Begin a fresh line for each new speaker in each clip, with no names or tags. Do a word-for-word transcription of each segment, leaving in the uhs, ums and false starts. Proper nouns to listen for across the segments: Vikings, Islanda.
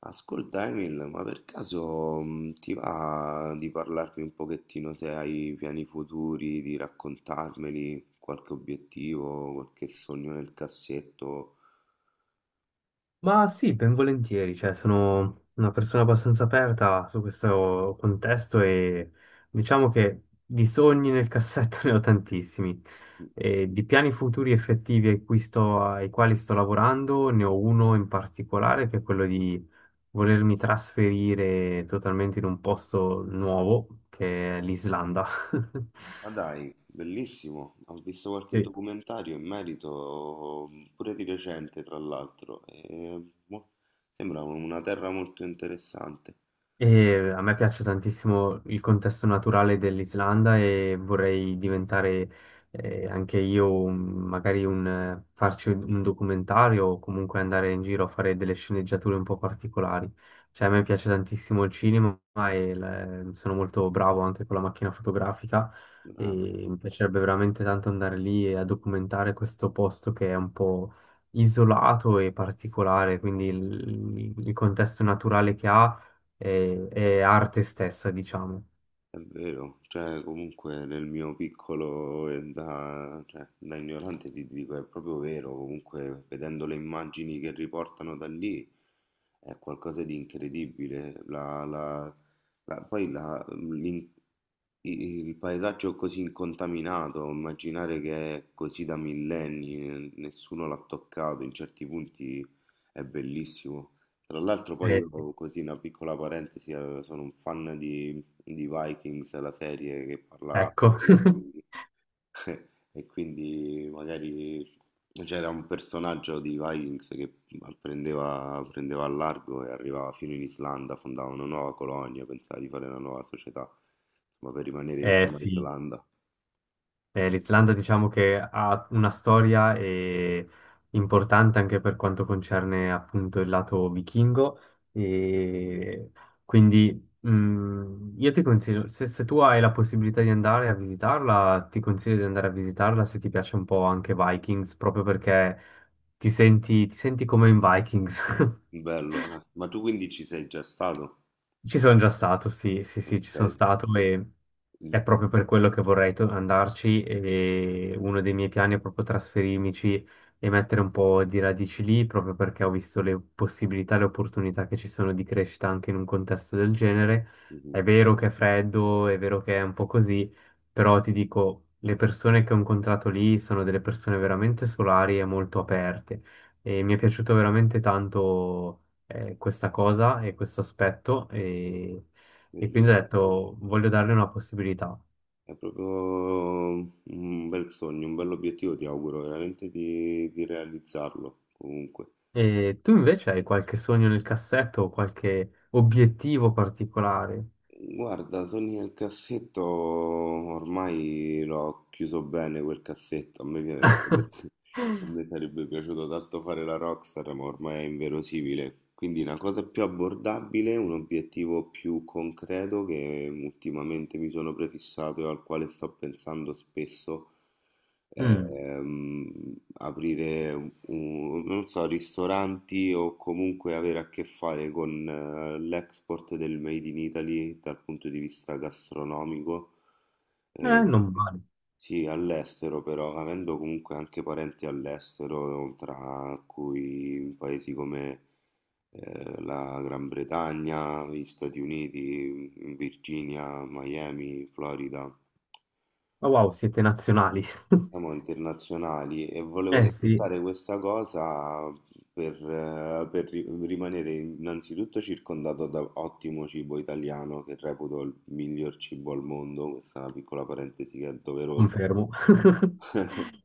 Ascolta Emil, ma per caso mh, ti va di parlarmi un pochettino se hai piani futuri, di raccontarmeli, qualche obiettivo, qualche sogno nel cassetto?
Ma sì, ben volentieri, cioè sono una persona abbastanza aperta su questo contesto e diciamo che di sogni nel cassetto ne ho tantissimi e di piani futuri effettivi ai cui sto- ai quali sto lavorando. Ne ho uno in particolare che è quello di volermi trasferire totalmente in un posto nuovo che è l'Islanda.
Ma dai, bellissimo, ho visto qualche
Sì.
documentario in merito, mh, pure di recente tra l'altro, e boh, sembra una terra molto interessante.
E a me piace tantissimo il contesto naturale dell'Islanda e vorrei diventare eh, anche io un- magari un, eh, farci un un documentario o comunque andare in giro a fare delle sceneggiature un po' particolari. Cioè a me piace tantissimo il cinema e l- sono molto bravo anche con la macchina fotografica
Grande.
e mi piacerebbe veramente tanto andare lì e a documentare questo posto che è un po' isolato e particolare, quindi il il- il contesto naturale che ha e, e arte stessa, diciamo.
È vero, cioè comunque nel mio piccolo e da, cioè, da ignorante ti dico è proprio vero, comunque vedendo le immagini che riportano da lì è qualcosa di incredibile, la, la, la- poi la, l'in- i- Il paesaggio così incontaminato, immaginare che è così da millenni, eh, nessuno l'ha toccato, in certi punti è bellissimo. Tra l'altro poi io,
Eh, sì,
così una piccola parentesi, eh, sono un fan di, di Vikings, la serie che parla
ecco,
di vichinghi, e quindi magari c'era un personaggio di Vikings che prendeva, prendeva a largo e arrivava fino in Islanda, fondava una nuova colonia, pensava di fare una nuova società, insomma, per rimanere in
eh,
tema
sì.
Islanda.
Eh, l'Islanda diciamo che ha una storia eh, importante anche per quanto concerne appunto il lato vichingo.
Mm.
E quindi mh, io ti consiglio, se, se tu hai la possibilità di andare a visitarla, ti consiglio di andare a visitarla se ti piace un po' anche Vikings, proprio perché ti senti, ti senti come in Vikings.
Bello, eh. Ma tu quindi ci sei già stato?
Ci sono già stato, sì, sì, sì, ci
Ok.
sono stato. E
Mm.
è proprio per quello che vorrei to- andarci, e uno dei miei piani è proprio trasferirmici e mettere un po' di radici lì, proprio perché ho visto le possibilità, le opportunità che ci sono di crescita anche in un contesto del genere.
Mhm.
È vero che è freddo, è vero che è un po' così, però ti dico, le persone che ho incontrato lì sono delle persone veramente solari e molto aperte e mi è piaciuto veramente tanto eh, questa cosa e questo aspetto. E, e quindi ho
Bellissimo.
detto voglio darle una possibilità.
È proprio un bel sogno, un bel obiettivo, ti auguro veramente di, di realizzarlo comunque.
E tu invece hai qualche sogno nel cassetto o qualche obiettivo particolare?
Guarda, sogni nel cassetto, ormai l'ho chiuso bene quel cassetto, a me, piace- a me sarebbe piaciuto tanto fare la Rockstar, ma ormai è inverosimile. Quindi una cosa più abbordabile, un obiettivo più concreto che ultimamente mi sono prefissato e al quale sto pensando spesso,
Mm,
ehm, aprire un, non so, ristoranti o comunque avere a che fare con eh, l'export del Made in Italy dal punto di vista gastronomico.
eh,
Eh,
non male.
sì, all'estero però, avendo comunque anche parenti all'estero, tra cui paesi come eh, la Gran Bretagna, gli Stati Uniti, Virginia, Miami, Florida.
Ma wow, siete nazionali.
Siamo internazionali e volevo
Eh sì,
sfruttare questa cosa per, eh, per ri- rimanere innanzitutto circondato da ottimo cibo italiano, che reputo il miglior cibo al mondo, questa è una piccola parentesi che è doverosa.
confermo.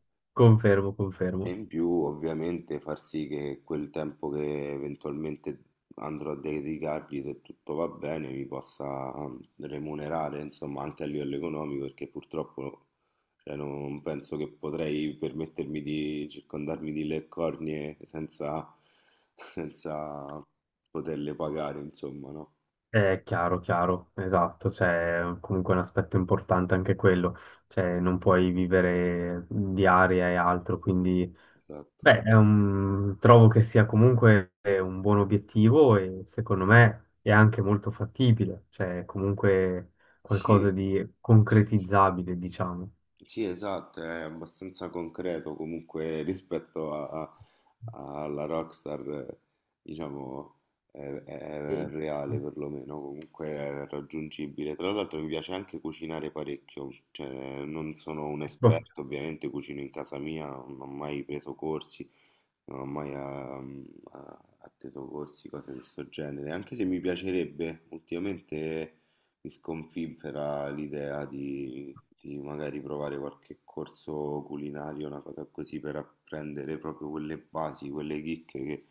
Confermo,
E
confermo.
in più ovviamente far sì che quel tempo che eventualmente andrò a dedicargli, se tutto va bene, mi possa ehm, remunerare, insomma, anche a livello economico, perché purtroppo cioè, non penso che potrei permettermi di circondarmi di le cornie senza, senza poterle pagare, insomma, no?
È chiaro, chiaro, esatto, c'è comunque un aspetto importante anche quello, cioè non puoi vivere di aria e altro, quindi...
Esatto.
Beh, è un- trovo che sia comunque un buon obiettivo e secondo me è anche molto fattibile, cioè è comunque qualcosa
Sì.
di concretizzabile, diciamo.
Sì, esatto, è abbastanza concreto comunque rispetto a- a- alla Rockstar, eh, diciamo, è, è
E,
reale perlomeno, comunque è raggiungibile. Tra l'altro mi piace anche cucinare parecchio, cioè non sono un
boh,
esperto, ovviamente cucino in casa mia, non ho mai preso corsi, non ho mai ehm, atteso corsi, cose di questo genere, anche se mi piacerebbe, ultimamente mi sconfinfera l'idea di, di magari provare qualche corso culinario, una cosa così per apprendere proprio quelle basi, quelle chicche che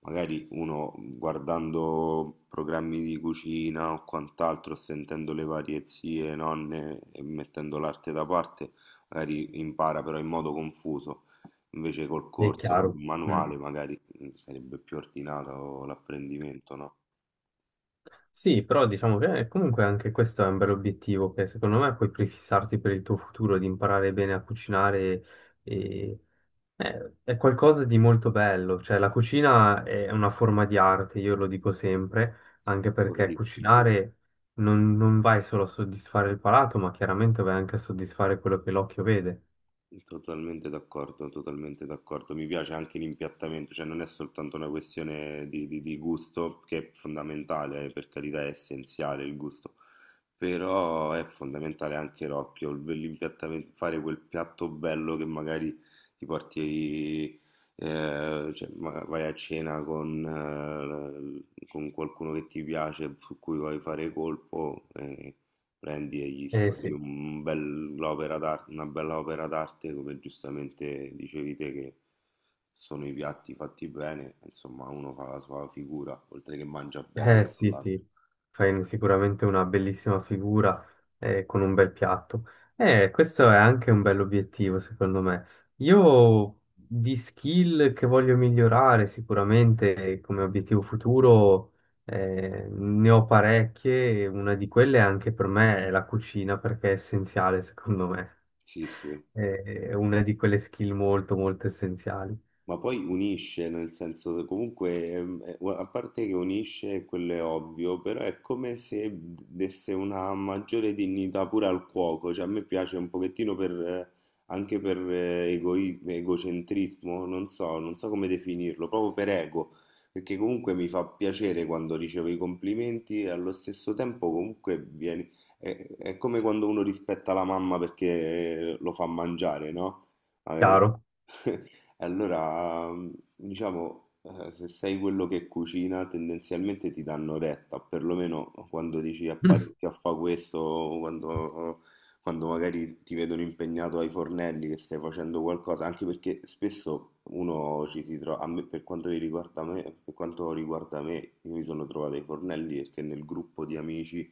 magari uno guardando programmi di cucina o quant'altro, sentendo le varie zie, nonne e mettendo l'arte da parte, magari impara però in modo confuso. Invece col
è
corso, con
chiaro.
un
Mm.
manuale, magari mm, sarebbe più ordinato l'apprendimento, no?
Sì, però diciamo che comunque anche questo è un bel obiettivo che secondo me puoi prefissarti per il tuo futuro di imparare bene a cucinare. Eh, È qualcosa di molto bello, cioè la cucina è una forma di arte, io lo dico sempre,
Sono
anche perché
d'accordissimo.
cucinare non, non vai solo a soddisfare il palato, ma chiaramente vai anche a soddisfare quello che l'occhio vede.
Totalmente d'accordo, totalmente d'accordo. Mi piace anche l'impiattamento, cioè non è soltanto una questione di, di- di gusto, che è fondamentale, eh, per carità è essenziale il gusto, però è fondamentale anche l'occhio, il- l'impiattamento, fare quel piatto bello che magari ti porti, eh, cioè, ma- vai a cena con, eh, con qualcuno che ti piace, su cui vuoi fare colpo, eh, prendi e gli
Eh
sfaturi
sì.
un bell'opera d'ar- una bella opera d'arte, come giustamente dicevi te, che sono i piatti fatti bene, insomma, uno fa la sua figura, oltre che mangia bene
Eh sì,
dall'altro.
sì, fai sicuramente una bellissima figura eh, con un bel piatto. Eh, questo è anche un bell'obiettivo, secondo me. Io di skill che voglio migliorare sicuramente eh, come obiettivo futuro eh, ne ho parecchie, e una di quelle anche per me è la cucina perché è essenziale, secondo me.
Sì, sì.
Eh, È una di quelle skill molto, molto essenziali.
Ma poi unisce, nel senso, che comunque, ehm, eh, a parte che unisce, quello è ovvio, però è come se desse una maggiore dignità pure al cuoco, cioè a me piace un pochettino per, eh, anche per eh, egoi- egocentrismo, non so, non so come definirlo, proprio per ego, perché comunque mi fa piacere quando ricevo i complimenti e allo stesso tempo comunque vieni, è, è come quando uno rispetta la mamma perché eh, lo fa mangiare, no? Eh,
Chiaro?
allora, mh, diciamo, eh, se sei quello che cucina, tendenzialmente ti danno retta, perlomeno quando dici a parecchio a fa questo, o quando, quando magari ti vedono impegnato ai fornelli che stai facendo qualcosa, anche perché spesso uno ci si trova, a me, per quanto mi riguarda me, per quanto riguarda me, io mi sono trovato ai fornelli perché nel gruppo di amici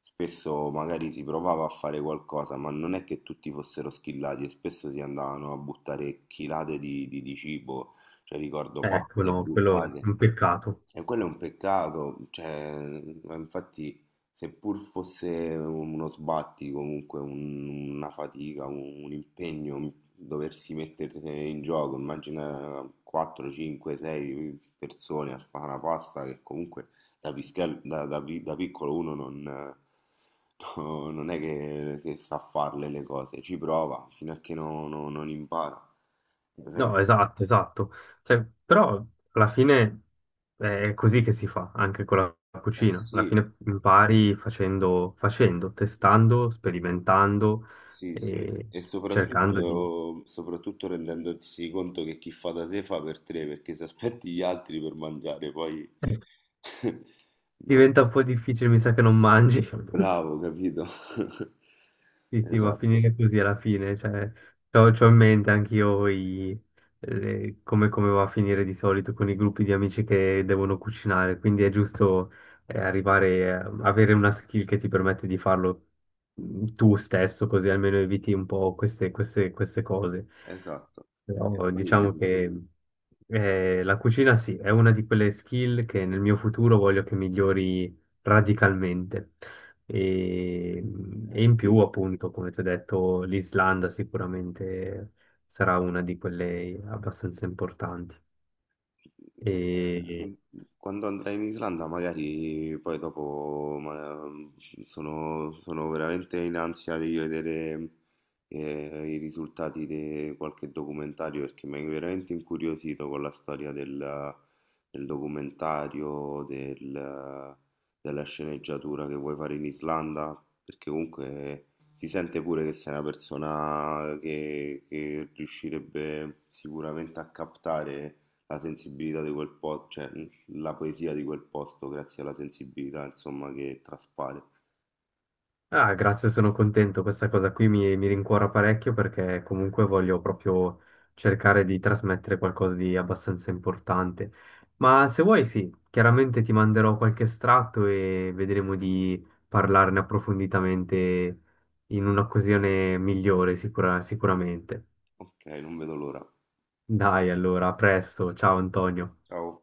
spesso magari si provava a fare qualcosa, ma non è che tutti fossero schillati e spesso si andavano a buttare chilate di, di- di cibo, cioè ricordo
Ecco,
paste
no, quello è
buttate.
un peccato.
E quello è un peccato, cioè, ma infatti seppur fosse uno sbatti, comunque un- una fatica, un, un impegno, mm, doversi mettere in gioco, immagina quattro, cinque, sei persone a fare una pasta che comunque da, pischel- da- da pi- da piccolo uno non, no, non è che, che sa farle le cose, ci prova fino a che non non- non impara. Eh,
No, esatto, esatto. Cioè, però alla fine è così che si fa anche con la
eh
cucina. Alla
sì.
fine impari facendo, facendo, testando, sperimentando
Sì, sì,
e
e
cercando di...
soprattutto, soprattutto rendendosi conto che chi fa da sé fa per tre, perché se aspetti gli altri per mangiare, poi... No.
Diventa un po' difficile, mi sa che non mangi.
Bravo, capito?
Sì, sì, va a
Esatto,
finire così alla fine, cioè, c'ho, c'ho in mente anch'io i- le- come, come va a finire di solito con i gruppi di amici che devono cucinare, quindi è giusto eh, arrivare, a- avere una skill che ti permette di farlo mm, tu stesso, così almeno eviti un po' queste, queste- queste cose.
esatto. E
Però diciamo
poi...
che eh, la cucina sì, è una di quelle skill che nel mio futuro voglio che migliori radicalmente. E,
eh
e in più,
sì.
appunto, come ti ho detto, l'Islanda sicuramente sarà una di quelle abbastanza importanti. E,
Eh, quando andrai in Islanda, magari poi dopo ma- sono, sono veramente in ansia di vedere eh, i risultati di qualche documentario perché mi hai veramente incuriosito con la storia del, del documentario, del- della sceneggiatura che vuoi fare in Islanda, perché comunque si sente pure che sei una persona che, che riuscirebbe sicuramente a captare la sensibilità di quel posto, cioè mh, la poesia di quel posto, grazie alla sensibilità, insomma, che traspare.
ah, grazie, sono contento. Questa cosa qui mi, mi rincuora parecchio perché comunque voglio proprio cercare di trasmettere qualcosa di abbastanza importante. Ma se vuoi, sì, chiaramente ti manderò qualche estratto e vedremo di parlarne approfonditamente in un'occasione migliore, sicura- sicuramente.
Ok, non vedo l'ora.
Dai, allora, a presto. Ciao Antonio.
Ciao.